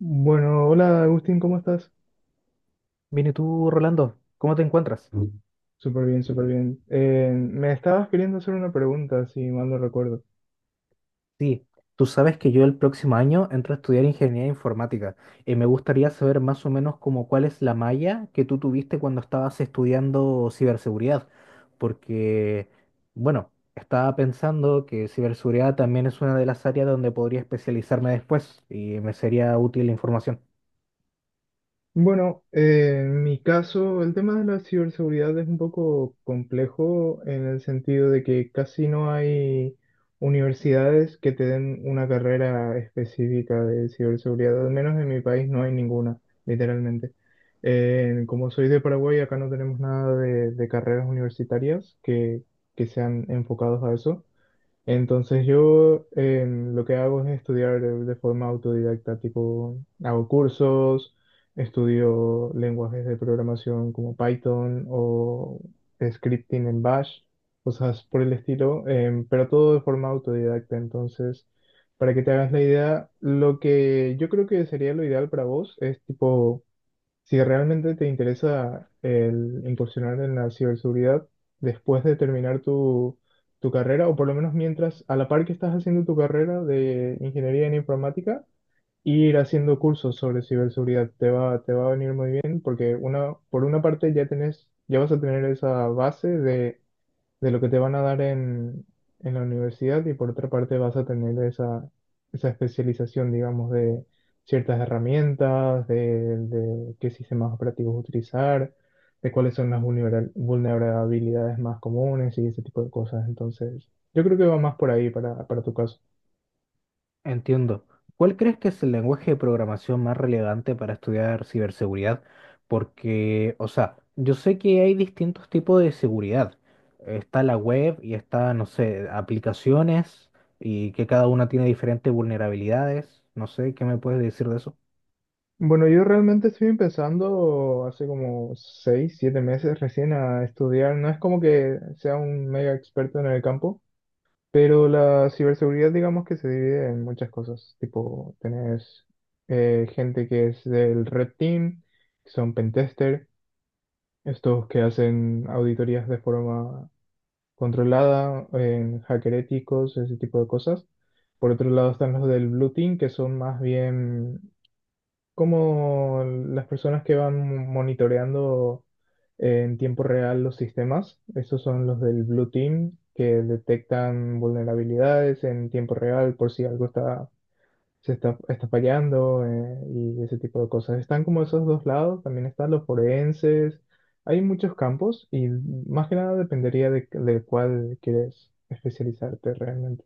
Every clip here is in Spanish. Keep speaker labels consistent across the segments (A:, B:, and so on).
A: Bueno, hola Agustín, ¿cómo estás?
B: Bien, ¿y tú, Rolando? ¿Cómo te encuentras?
A: Súper bien, súper bien. Me estabas queriendo hacer una pregunta, si mal no recuerdo.
B: Sí, tú sabes que yo el próximo año entro a estudiar ingeniería informática y me gustaría saber más o menos como cuál es la malla que tú tuviste cuando estabas estudiando ciberseguridad, porque, bueno, estaba pensando que ciberseguridad también es una de las áreas donde podría especializarme después y me sería útil la información.
A: Bueno, en mi caso, el tema de la ciberseguridad es un poco complejo en el sentido de que casi no hay universidades que te den una carrera específica de ciberseguridad, al menos en mi país no hay ninguna, literalmente. Como soy de Paraguay, acá no tenemos nada de carreras universitarias que sean enfocados a eso. Entonces yo lo que hago es estudiar de forma autodidacta, tipo hago cursos, estudio lenguajes de programación como Python o scripting en Bash, cosas por el estilo, pero todo de forma autodidacta. Entonces, para que te hagas la idea, lo que yo creo que sería lo ideal para vos es tipo si realmente te interesa el incursionar en la ciberseguridad después de terminar tu carrera, o por lo menos mientras, a la par que estás haciendo tu carrera de ingeniería en informática, ir haciendo cursos sobre ciberseguridad te va a venir muy bien porque una, por una parte ya tenés, ya vas a tener esa base de lo que te van a dar en la universidad y por otra parte vas a tener esa especialización, digamos, de ciertas herramientas, de qué sistemas operativos utilizar, de cuáles son las vulnerabilidades más comunes y ese tipo de cosas. Entonces, yo creo que va más por ahí para tu caso.
B: Entiendo. ¿Cuál crees que es el lenguaje de programación más relevante para estudiar ciberseguridad? Porque, o sea, yo sé que hay distintos tipos de seguridad. Está la web y está, no sé, aplicaciones y que cada una tiene diferentes vulnerabilidades. No sé, ¿qué me puedes decir de eso?
A: Bueno, yo realmente estoy empezando hace como 6, 7 meses recién a estudiar. No es como que sea un mega experto en el campo, pero la ciberseguridad, digamos que se divide en muchas cosas. Tipo, tenés gente que es del Red Team, que son pentester, estos que hacen auditorías de forma controlada, en hacker éticos, ese tipo de cosas. Por otro lado están los del Blue Team, que son más bien como las personas que van monitoreando en tiempo real los sistemas. Esos son los del Blue Team que detectan vulnerabilidades en tiempo real por si algo está, se está, está fallando y ese tipo de cosas. Están como esos dos lados, también están los forenses. Hay muchos campos y más que nada dependería de cuál quieres especializarte realmente.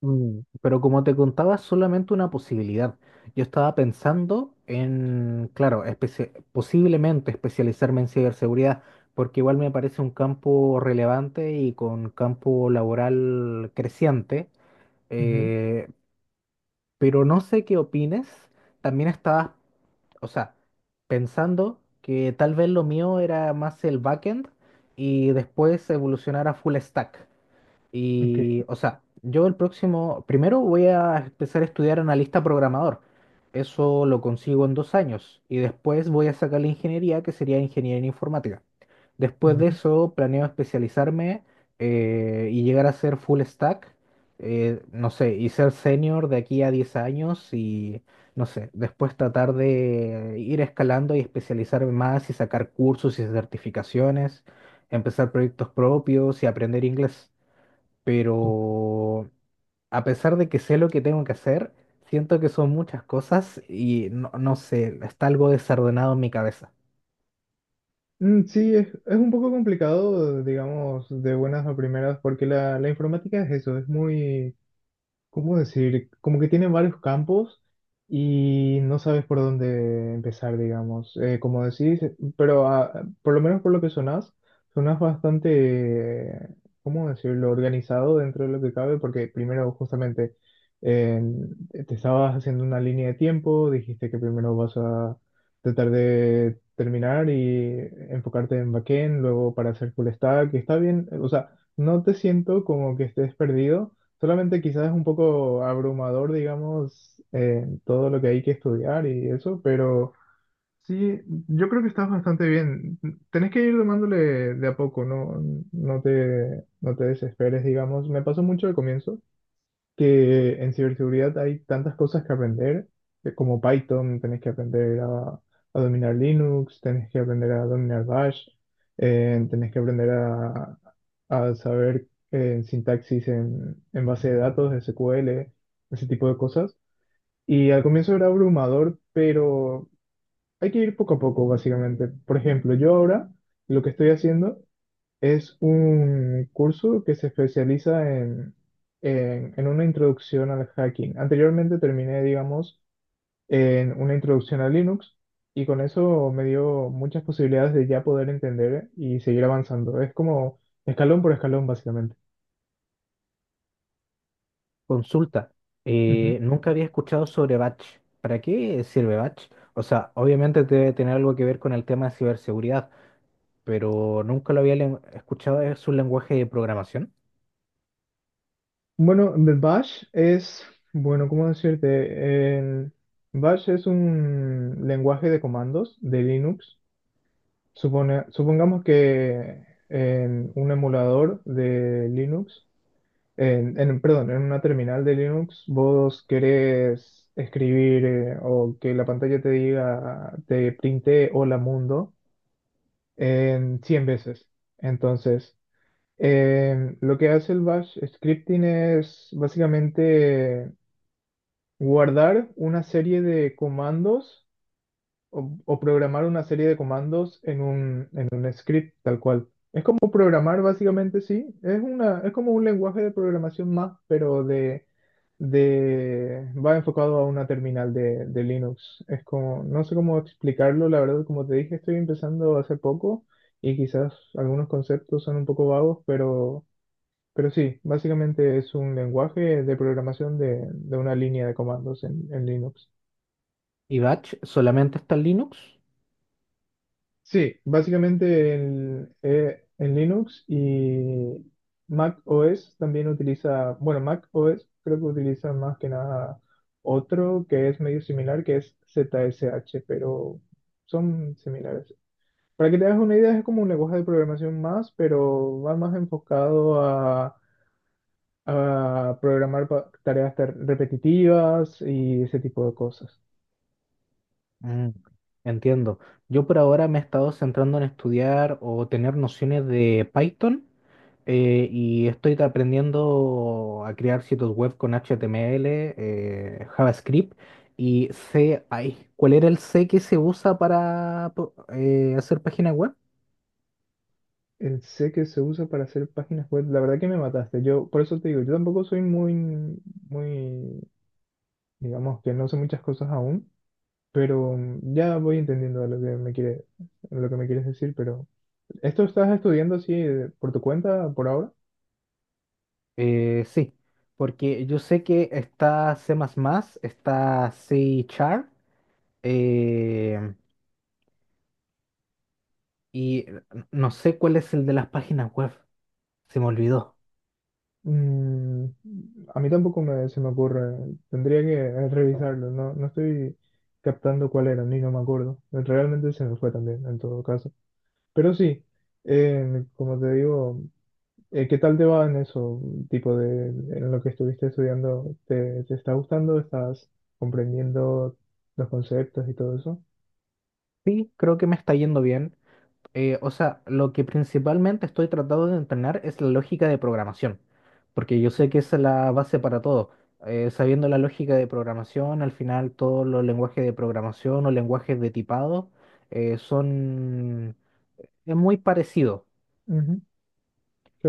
B: Mm, pero como te contaba, es solamente una posibilidad. Yo estaba pensando en, claro, posiblemente especializarme en ciberseguridad, porque igual me parece un campo relevante y con campo laboral creciente.
A: Ujú.
B: eh, pero no sé qué opines. También estaba, o sea, pensando que tal vez lo mío era más el backend y después evolucionar a full stack.
A: Ok.
B: Y, o sea, yo el próximo, primero voy a empezar a estudiar analista programador. Eso lo consigo en 2 años. Y después voy a sacar la ingeniería, que sería ingeniería en informática. Después de
A: Ujú.
B: eso, planeo especializarme y llegar a ser full stack. No sé, y ser senior de aquí a 10 años y, no sé, después tratar de ir escalando y especializarme más y sacar cursos y certificaciones, empezar proyectos propios y aprender inglés,
A: Ok.
B: pero a pesar de que sé lo que tengo que hacer, siento que son muchas cosas y no sé, está algo desordenado en mi cabeza.
A: Mm, sí, es un poco complicado, digamos, de buenas a primeras, porque la informática es eso, es muy. ¿Cómo decir? Como que tienen varios campos y no sabes por dónde empezar, digamos. Como decís, pero ah, por lo menos por lo que sonás, bastante, eh, ¿cómo decirlo?, organizado dentro de lo que cabe, porque primero justamente eh, te estabas haciendo una línea de tiempo, dijiste que primero vas a tratar de terminar y enfocarte en backend, luego para hacer full stack, y está bien, o sea, no te siento como que estés perdido. Solamente quizás es un poco abrumador, digamos, todo lo que hay que estudiar y eso, pero sí, yo creo que estás bastante bien. Tenés que ir tomándole de a poco, no, no te desesperes, digamos. Me pasó mucho al comienzo, que en ciberseguridad hay tantas cosas que aprender, como Python, tenés que aprender a dominar Linux, tenés que aprender a dominar Bash, tenés que aprender a saber sintaxis en base de datos, SQL, ese tipo de cosas. Y al comienzo era abrumador, pero hay que ir poco a poco, básicamente. Por ejemplo, yo ahora lo que estoy haciendo es un curso que se especializa en una introducción al hacking. Anteriormente terminé, digamos, en una introducción a Linux y con eso me dio muchas posibilidades de ya poder entender y seguir avanzando. Es como escalón por escalón, básicamente.
B: Consulta,
A: Ujú.
B: nunca había escuchado sobre Batch. ¿Para qué sirve Batch? O sea, obviamente debe tener algo que ver con el tema de ciberseguridad, pero nunca lo había escuchado, es un lenguaje de programación.
A: Bueno, de Bash es, bueno, ¿cómo decirte? El Bash es un lenguaje de comandos de Linux. Supongamos que en un emulador de Linux, perdón, en una terminal de Linux, vos querés escribir o que la pantalla te diga, te printe hola mundo en 100 veces. Entonces, lo que hace el bash scripting es básicamente guardar una serie de comandos o programar una serie de comandos en un script tal cual. O programar básicamente sí, es como un lenguaje de programación más, pero de va enfocado a una terminal de Linux. Es como, no sé cómo explicarlo, la verdad, como te dije, estoy empezando hace poco y quizás algunos conceptos son un poco vagos, pero sí, básicamente es un lenguaje de programación de una línea de comandos en Linux.
B: ¿Y Batch solamente está en Linux?
A: Sí, básicamente en Linux y Mac OS también utiliza, bueno, Mac OS creo que utiliza más que nada otro que es medio similar, que es ZSH, pero son similares. Para que te hagas una idea, es como un lenguaje de programación más, pero va más enfocado a programar tareas repetitivas y ese tipo de cosas.
B: Mm, entiendo. Yo por ahora me he estado centrando en estudiar o tener nociones de Python, y estoy aprendiendo a crear sitios web con HTML, JavaScript y C. Ay, ¿cuál era el C que se usa para hacer páginas web?
A: Sé que se usa para hacer páginas web. La verdad que me mataste. Yo, por eso te digo, yo tampoco soy muy, muy, digamos que no sé muchas cosas aún, pero ya voy entendiendo lo que me quieres decir. Pero esto estás estudiando así por tu cuenta por ahora.
B: Sí, porque yo sé que está C++, está C Char eh, y no sé cuál es el de las páginas web. Se me olvidó.
A: Mm, a mí tampoco se me ocurre. Tendría que revisarlo. No, no estoy captando cuál era, ni no me acuerdo. Realmente se me fue también, en todo caso. Pero sí, como te digo. ¿Qué tal te va en eso, tipo en lo que estuviste estudiando? ¿Te está gustando? ¿Estás comprendiendo los conceptos y todo eso?
B: Sí, creo que me está yendo bien. O sea, lo que principalmente estoy tratando de entrenar es la lógica de programación, porque yo sé que esa es la base para todo. Sabiendo la lógica de programación, al final todos los lenguajes de programación o lenguajes de tipado son... es muy parecido.
A: Ujú,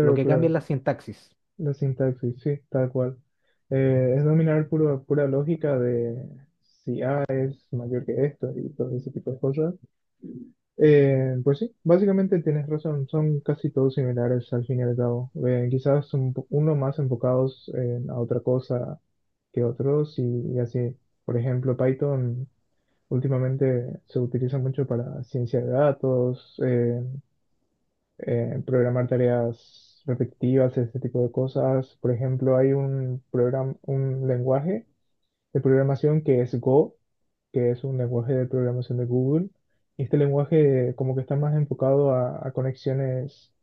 B: Lo que cambia
A: claro.
B: es la sintaxis.
A: La sintaxis, sí, tal cual. Es dominar pura lógica de si A es mayor que esto y todo ese tipo de cosas. Pues sí, básicamente tienes razón, son casi todos similares al fin y al cabo. Quizás uno más enfocados a otra cosa que otros y así. Por ejemplo, Python últimamente se utiliza mucho para ciencia de datos, programar tareas repetitivas, ese tipo de cosas. Por ejemplo, hay un programa, un lenguaje de programación que es Go, que es un lenguaje de programación de Google. Y este lenguaje como que está más enfocado a conexiones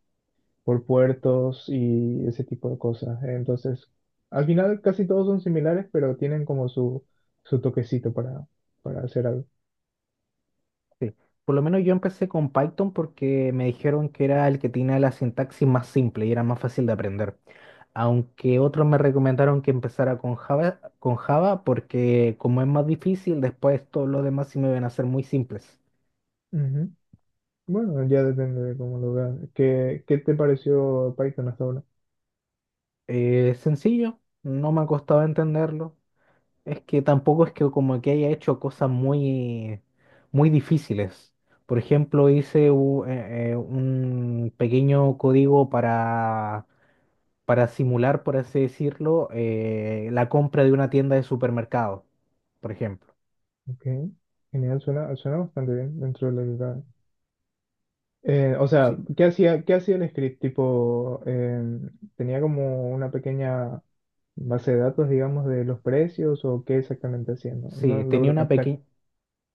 A: por puertos y ese tipo de cosas. Entonces, al final casi todos son similares, pero tienen como su toquecito para hacer algo.
B: Sí. Por lo menos yo empecé con Python porque me dijeron que era el que tenía la sintaxis más simple y era más fácil de aprender. Aunque otros me recomendaron que empezara con Java porque como es más difícil, después todos los demás sí me van a ser muy simples.
A: Ujú. Bueno, ya depende de cómo lo veas. ¿Qué te pareció Python hasta ahora?
B: Sencillo, no me ha costado entenderlo. Es que tampoco es que como que haya hecho cosas muy difíciles. Por ejemplo, hice un pequeño código para simular, por así decirlo, la compra de una tienda de supermercado, por ejemplo.
A: Ok. Genial. Suena bastante bien dentro de la. O sea,
B: Sí,
A: ¿qué hacía el script? Tipo, ¿tenía como una pequeña base de datos, digamos, de los precios o qué exactamente hacía? No, no
B: sí,
A: logro captar.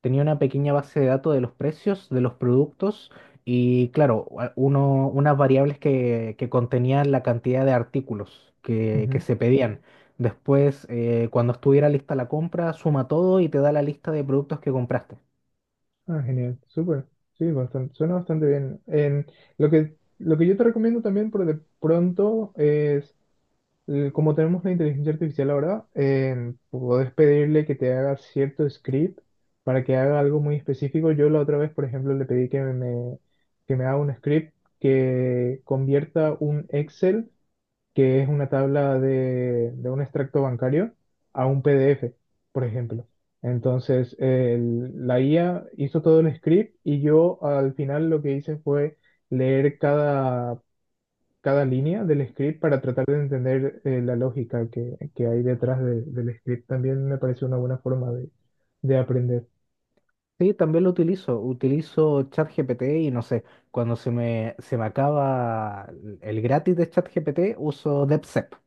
B: tenía una pequeña base de datos de los precios de los productos y, claro, uno, unas variables que contenían la cantidad de artículos que
A: Ujú.
B: se pedían. Después, cuando estuviera lista la compra, suma todo y te da la lista de productos que compraste.
A: Ah, genial, súper. Sí, bastante, suena bastante bien. Lo que yo te recomiendo también por de pronto es como tenemos la inteligencia artificial ahora, puedes pedirle que te haga cierto script para que haga algo muy específico. Yo la otra vez, por ejemplo, le pedí que me haga un script que convierta un Excel, que es una tabla de un extracto bancario, a un PDF, por ejemplo. Entonces, la IA hizo todo el script y yo al final lo que hice fue leer cada línea del script para tratar de entender la lógica que hay detrás del script. También me parece una buena forma de aprender.
B: Sí, también lo utilizo. Utilizo ChatGPT y no sé, cuando se me acaba el gratis de ChatGPT, uso DeepSeek.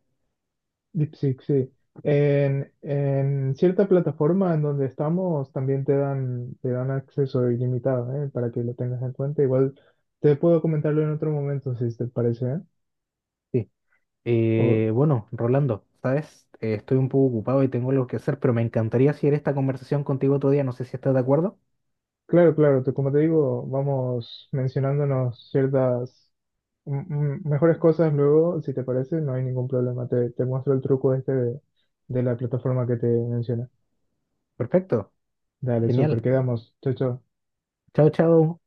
A: DeepSeek, sí. En cierta plataforma en donde estamos también te dan acceso ilimitado, ¿eh? Para que lo tengas en cuenta. Igual te puedo comentarlo en otro momento si te parece, ¿eh?
B: Sí.
A: O,
B: Bueno, Rolando, ¿sabes? Estoy un poco ocupado y tengo algo que hacer, pero me encantaría seguir esta conversación contigo otro día. No sé si estás de acuerdo.
A: claro, claro, como te digo, vamos mencionándonos ciertas mejores cosas luego, si te parece, no hay ningún problema. Te muestro el truco este de la plataforma que te mencioné.
B: Perfecto,
A: Dale, súper,
B: genial.
A: quedamos. Chao, chao.
B: Chao, chao.